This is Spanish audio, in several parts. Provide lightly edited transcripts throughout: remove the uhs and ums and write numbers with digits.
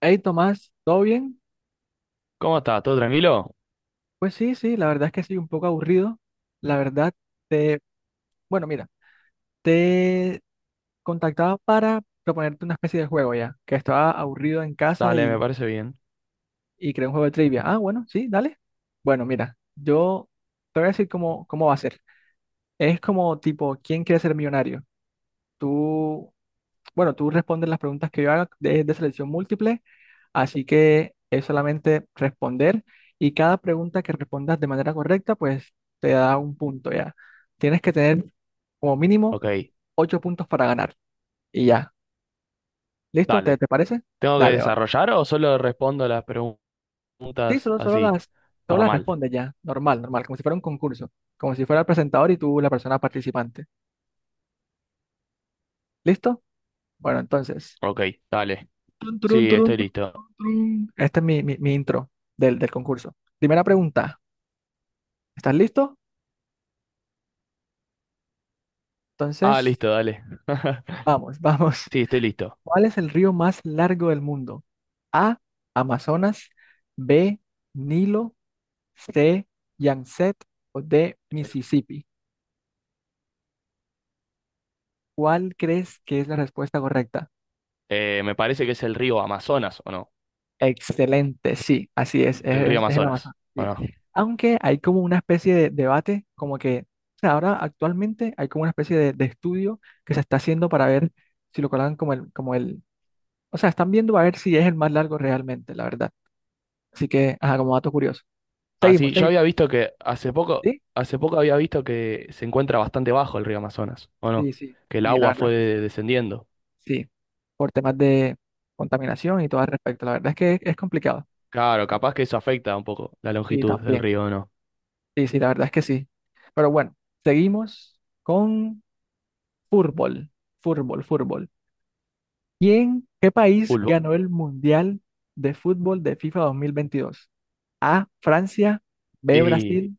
Hey Tomás, ¿todo bien? ¿Cómo estás? ¿Todo tranquilo? Pues sí, sí, la verdad es que sí, un poco aburrido. La verdad, te, bueno, mira, te contactaba para proponerte una especie de juego ya, que estaba aburrido en casa Dale, me y, parece bien. y creé un juego de trivia. Ah, bueno, sí, dale. Bueno, mira, yo te voy a decir cómo va a ser. Es como tipo, ¿quién quiere ser millonario? Tú Bueno, tú respondes las preguntas que yo haga de selección múltiple, así que es solamente responder y cada pregunta que respondas de manera correcta, pues te da un punto ya. Tienes que tener como mínimo Ok, ocho puntos para ganar y ya. ¿Listo? ¿Te, dale. te parece? ¿Tengo que Dale, vale. desarrollar o solo respondo las Sí, preguntas así? Todas las Normal. respondes ya, normal, normal, como si fuera un concurso, como si fuera el presentador y tú la persona participante. ¿Listo? Bueno, entonces. Ok, dale. Tun, turun, Sí, turun, estoy turun, listo. turun. Este es mi intro del concurso. Primera pregunta. ¿Estás listo? Ah, Entonces, listo, dale. vamos, vamos. Sí, estoy listo. ¿Cuál es el río más largo del mundo? A, Amazonas. B, Nilo. C, Yangtze o D, Mississippi. ¿Cuál crees que es la respuesta correcta? Me parece que es el río Amazonas, ¿o no? Excelente, sí, así es, El río es el Amazonas, Amazonas. ¿o Sí. no? Aunque hay como una especie de debate, como que o sea, ahora actualmente hay como una especie de estudio que se está haciendo para ver si lo colocan como el, o sea, están viendo a ver si es el más largo realmente, la verdad. Así que, ajá, como dato curioso. Seguimos, Así, yo seguimos. había visto que ¿Sí? hace poco había visto que se encuentra bastante bajo el río Amazonas, ¿o no? Sí, sí, Que el sí, la agua verdad es fue que descendiendo. sí. Sí, por temas de contaminación y todo al respecto. La verdad es que es complicado. Claro, capaz que eso afecta un poco la Sí, longitud del también. río, ¿o no? Sí, sí, la verdad es que sí. Pero bueno, seguimos con fútbol, fútbol, fútbol. ¿Qué país Pulvo. ganó el Mundial de Fútbol de FIFA 2022? A, Francia. B, Y Brasil.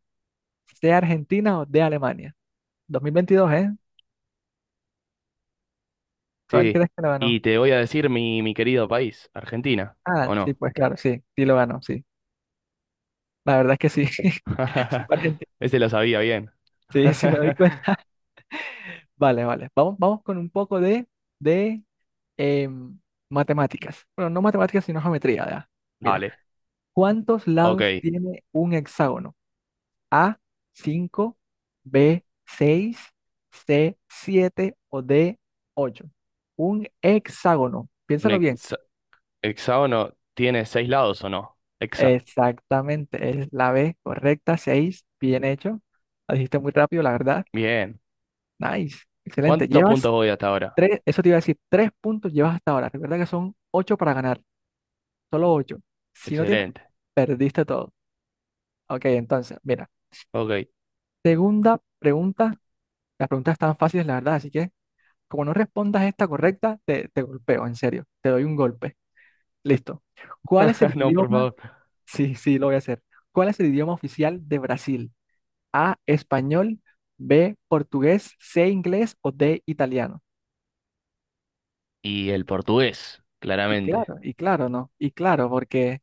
C, Argentina o D, Alemania. 2022, ¿eh? ¿Cuál sí, crees que lo ganó? y te voy a decir mi querido país, Argentina, Ah, ¿o sí, no? pues claro, sí, sí lo ganó, sí. La verdad es que sí. Sí, pariente. Ese lo sabía bien. Sí, sí me doy cuenta. Vale, vale. Vamos, vamos con un poco de em, matemáticas. Bueno, no matemáticas, sino geometría, ¿ya? Mira, Dale, ¿cuántos ok. lados tiene un hexágono? A, cinco. B, seis. C, 7 o D, ocho. Un hexágono. ¿Un Piénsalo bien. Hexágono tiene seis lados o no? Hexa. Exactamente, es la B correcta, seis. Bien hecho. La dijiste muy rápido, la verdad. Bien. Nice. Excelente. ¿Cuántos Llevas puntos voy hasta ahora? Tres, eso te iba a decir, tres puntos llevas hasta ahora. Recuerda que son ocho para ganar, solo ocho. Si no tienes, Excelente. perdiste todo. Ok, entonces, mira, Ok. segunda pregunta. Las preguntas están fáciles, la verdad, así que como no respondas esta correcta, te golpeo, en serio. Te doy un golpe. Listo. ¿Cuál es el No, por idioma? favor. Sí, sí, lo voy a hacer. ¿Cuál es el idioma oficial de Brasil? A, español. B, portugués. C, inglés o D, italiano. Y el portugués, claramente. Y claro, ¿no? Y claro, porque...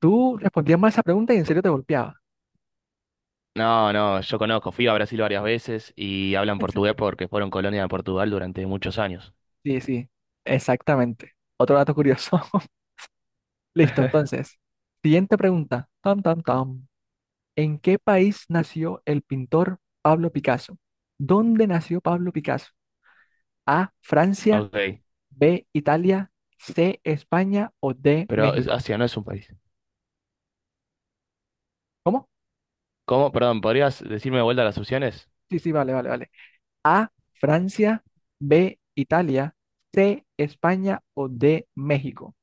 Tú respondías mal esa pregunta y en serio te golpeaba. No, no, yo conozco, fui a Brasil varias veces y hablan ¿En serio? portugués porque fueron colonia de Portugal durante muchos años. Sí, sí, exactamente. Otro dato curioso. Listo, entonces. Siguiente pregunta. Tam, tam, tam. ¿En qué país nació el pintor Pablo Picasso? ¿Dónde nació Pablo Picasso? A, Francia. Ok, B, Italia. C, España o D, pero México. Asia no es un país. ¿Cómo? ¿Cómo? Perdón, ¿podrías decirme de vuelta las opciones? Sí, sí, vale, vale, vale. A, Francia. B, Italia. C, España o D, México.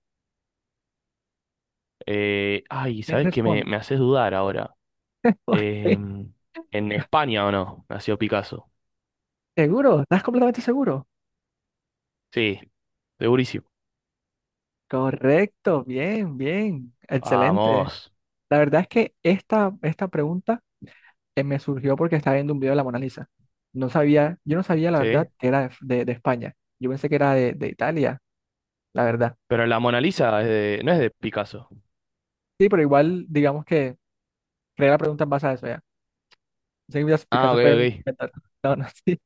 Ay, ¿Quién ¿sabes qué? Me, responde? me haces dudar ahora. ¿Por qué? Em, ¿En España o no? Nació Picasso. ¿Seguro? ¿Estás completamente seguro? Sí, segurísimo. Correcto, bien, bien, excelente. Vamos, La verdad es que esta pregunta me surgió porque estaba viendo un video de la Mona Lisa. No sabía, yo no sabía la verdad ¿sí? que era de España. Yo pensé que era de Italia, la verdad. Pero la Mona Lisa no es de Picasso. Sí, pero igual, digamos que creé la pregunta en base a eso ya. Sé que Ah, Picasso ok, fue un ok. mental. No, no, sí.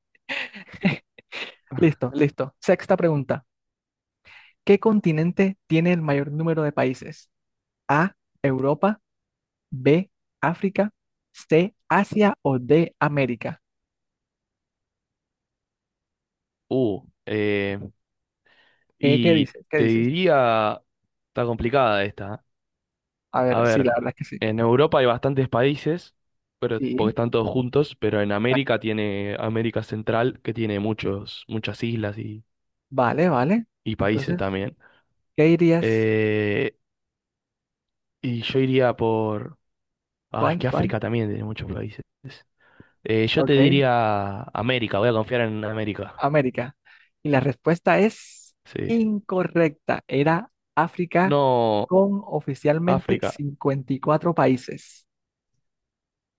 Listo, listo. Sexta pregunta. ¿Qué continente tiene el mayor número de países? A, Europa. B, África. C, Asia o D, América. Uh, eh, ¿Qué y dices? ¿Qué te dices? diría, está complicada esta, ¿eh? A A ver, sí, ver, la verdad es que sí. en Europa hay bastantes países, pero porque Sí, están todos juntos, pero en América exacto. tiene América Central, que tiene muchos, muchas islas y, Vale, vale. y países Entonces, también. ¿qué dirías? Eh, y yo iría por... Ah, es que ¿Cuál? ¿Cuál? África también tiene muchos países. Yo te Ok, diría América, voy a confiar en América. América. Y la respuesta es Sí. incorrecta. Era África No, con oficialmente África. 54 países.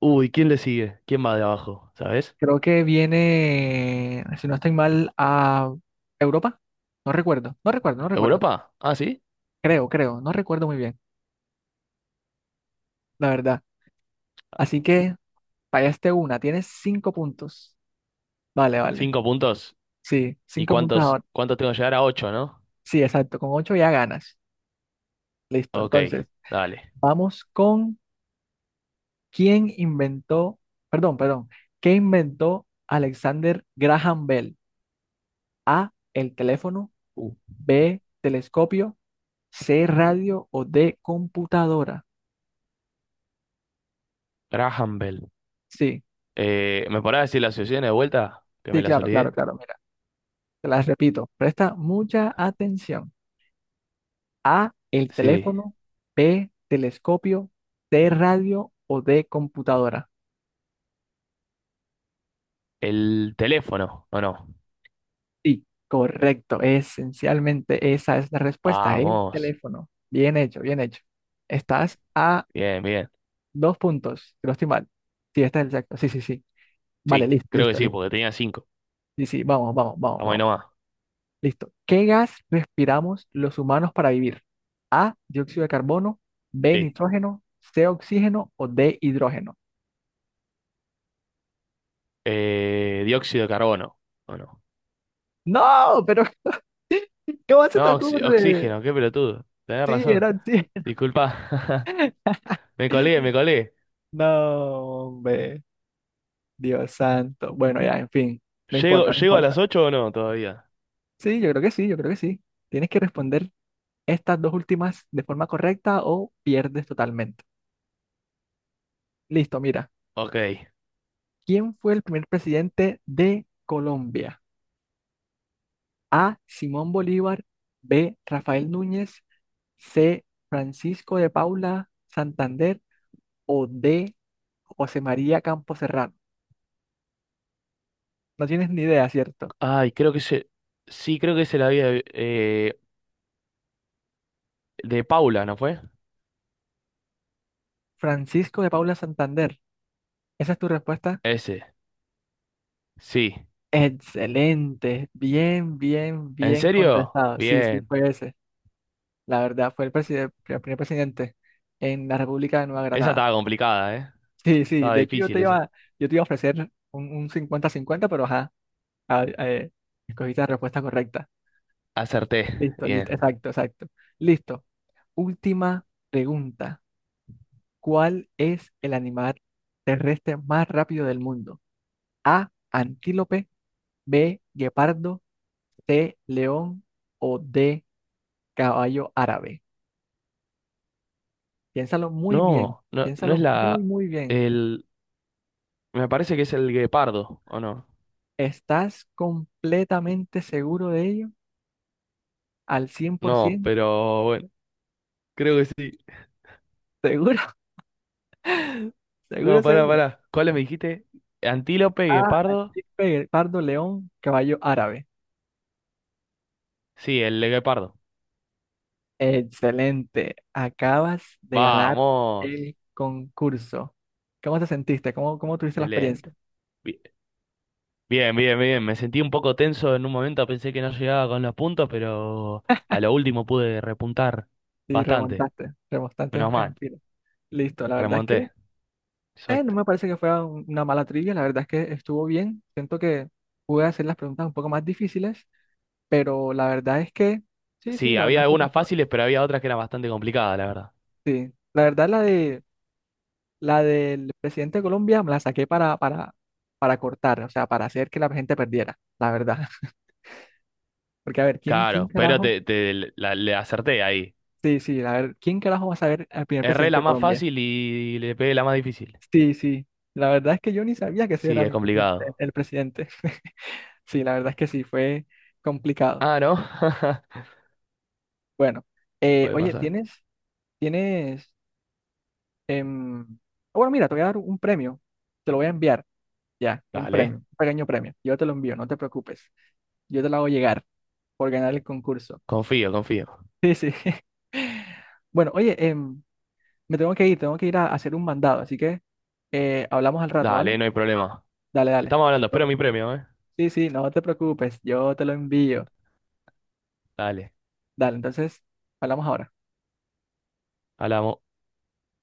Uy, ¿quién le sigue? ¿Quién va de abajo? ¿Sabes? Creo que viene, si no estoy mal, a Europa. No recuerdo, no recuerdo, no recuerdo. ¿Europa? Ah, sí. Creo, creo, no recuerdo muy bien, la verdad. Así que fallaste una, tienes cinco puntos. Vale, vale. Cinco puntos. Sí, ¿Y cinco puntos cuántos, ahora. cuántos tengo que llegar a ocho, no? Sí, exacto, con ocho ya ganas. Listo, Ok, entonces, dale. vamos con quién inventó, perdón, perdón, ¿qué inventó Alexander Graham Bell? ¿El teléfono? Uh, ¿B, telescopio? ¿C, radio o D, computadora? Graham Bell. Sí, ¿Me podrás decir la asociación de vuelta? Que sí, me las claro, claro, olvidé. claro. Mira, te las repito, presta mucha atención. A, el Sí. teléfono. B, telescopio. C, radio o D, computadora. El teléfono, ¿o no? Sí, correcto. Esencialmente esa es la respuesta, el Vamos. teléfono. Bien hecho, bien hecho. Estás a Bien, bien. dos puntos, si no estoy mal. Sí, está exacto. Sí, sí, sí. Vale, Sí, listo, creo que listo, sí, listo. porque tenía cinco. Sí, sí, vamos, vamos, vamos, Estamos ahí vamos. nomás. Listo. ¿Qué gas respiramos los humanos para vivir? A, dióxido de carbono. B, Sí. nitrógeno. C, oxígeno o D, hidrógeno. Dióxido de carbono, ¿o no? No, pero ¿cómo se te No, ocurre? oxígeno, qué pelotudo. Tenés Sí, razón. era sí. Disculpa. Me colé, me colé. No, hombre, Dios santo. Bueno, ya, en fin, no ¿Llego, importa, no llego a importa. las ocho o no todavía? Sí, yo creo que sí, yo creo que sí. Tienes que responder estas dos últimas de forma correcta o pierdes totalmente. Listo, mira. Ok. ¿Quién fue el primer presidente de Colombia? A, Simón Bolívar. B, Rafael Núñez. C, Francisco de Paula Santander. O D, José María Campos. No tienes ni idea, ¿cierto? Ay, creo que se. Sí, creo que se la había. eh, de Paula, ¿no fue? Francisco de Paula Santander. ¿Esa es tu respuesta? Ese. Sí. Excelente. Bien, bien, ¿En bien serio? contestado. Sí, sí, Bien. fue ese. La verdad, fue el primer presidente en la República de Nueva Esa Granada. estaba complicada, ¿eh? Sí, sí. Estaba De hecho, difícil esa. Yo te iba a ofrecer un cincuenta 50, pero ajá, a- eh, escogiste la respuesta correcta. Acerté. Listo, listo. Bien. Exacto, exacto. Listo. Última pregunta. ¿Cuál es el animal terrestre más rápido del mundo? A, antílope. B, guepardo. C, león o D, caballo árabe. Piénsalo muy bien, No, no, no es piénsalo muy, la. muy bien. El. Me parece que es el guepardo, ¿o no? ¿Estás completamente seguro de ello? ¿Al No, 100%? pero bueno. Creo que sí. ¿Seguro? No, ¿Seguro, pará, seguro? pará. ¿Cuál me dijiste? ¿Antílope, A, guepardo? antílope, guepardo, león, caballo árabe. Sí, el guepardo. Excelente, acabas de ganar Vamos. el concurso. ¿Cómo te sentiste? ¿Cómo tuviste la Excelente. experiencia? Bien, bien, bien. Me sentí un poco tenso en un momento, pensé que no llegaba con los puntos, pero a lo último pude repuntar Y bastante. remontaste, remontaste en Menos mal, en fila. Listo, la verdad es remonté. que no Exacto. me parece que fuera una mala trivia, la verdad es que estuvo bien. Siento que pude hacer las preguntas un poco más difíciles, pero la verdad es que, sí, sí, Sí, la verdad había es que sí. algunas Estuvo... fáciles, pero había otras que eran bastante complicadas, la verdad. Sí, la verdad la del presidente de Colombia me la saqué para cortar, o sea, para hacer que la gente perdiera, la verdad. Porque a ver, ¿quién Claro, pero carajo? te le acerté ahí. Sí, sí, a ver, ¿quién carajo va a saber al primer Erré presidente la de más Colombia? fácil y le pegué la más difícil. Sí, sí, la verdad es que yo ni sabía que ese Sí, era es complicado. el presidente. Sí, la verdad es que sí, fue complicado. Ah, ¿no? Bueno, Puede oye, pasar. Tienes, em, ah, bueno, mira, te voy a dar un premio, te lo voy a enviar, ya, un premio, Dale, un pequeño premio, yo te lo envío, no te preocupes, yo te lo hago llegar por ganar el concurso. confío, confío. Sí, sí. Bueno, oye, me tengo que ir a hacer un mandado, así que hablamos al rato, ¿vale? Dale, no hay problema. Dale, dale. Estamos hablando, Todo espero mi bien. premio, ¿eh? Sí, sí, no te preocupes, yo te lo envío. Dale, Dale, entonces, hablamos ahora. hablamos.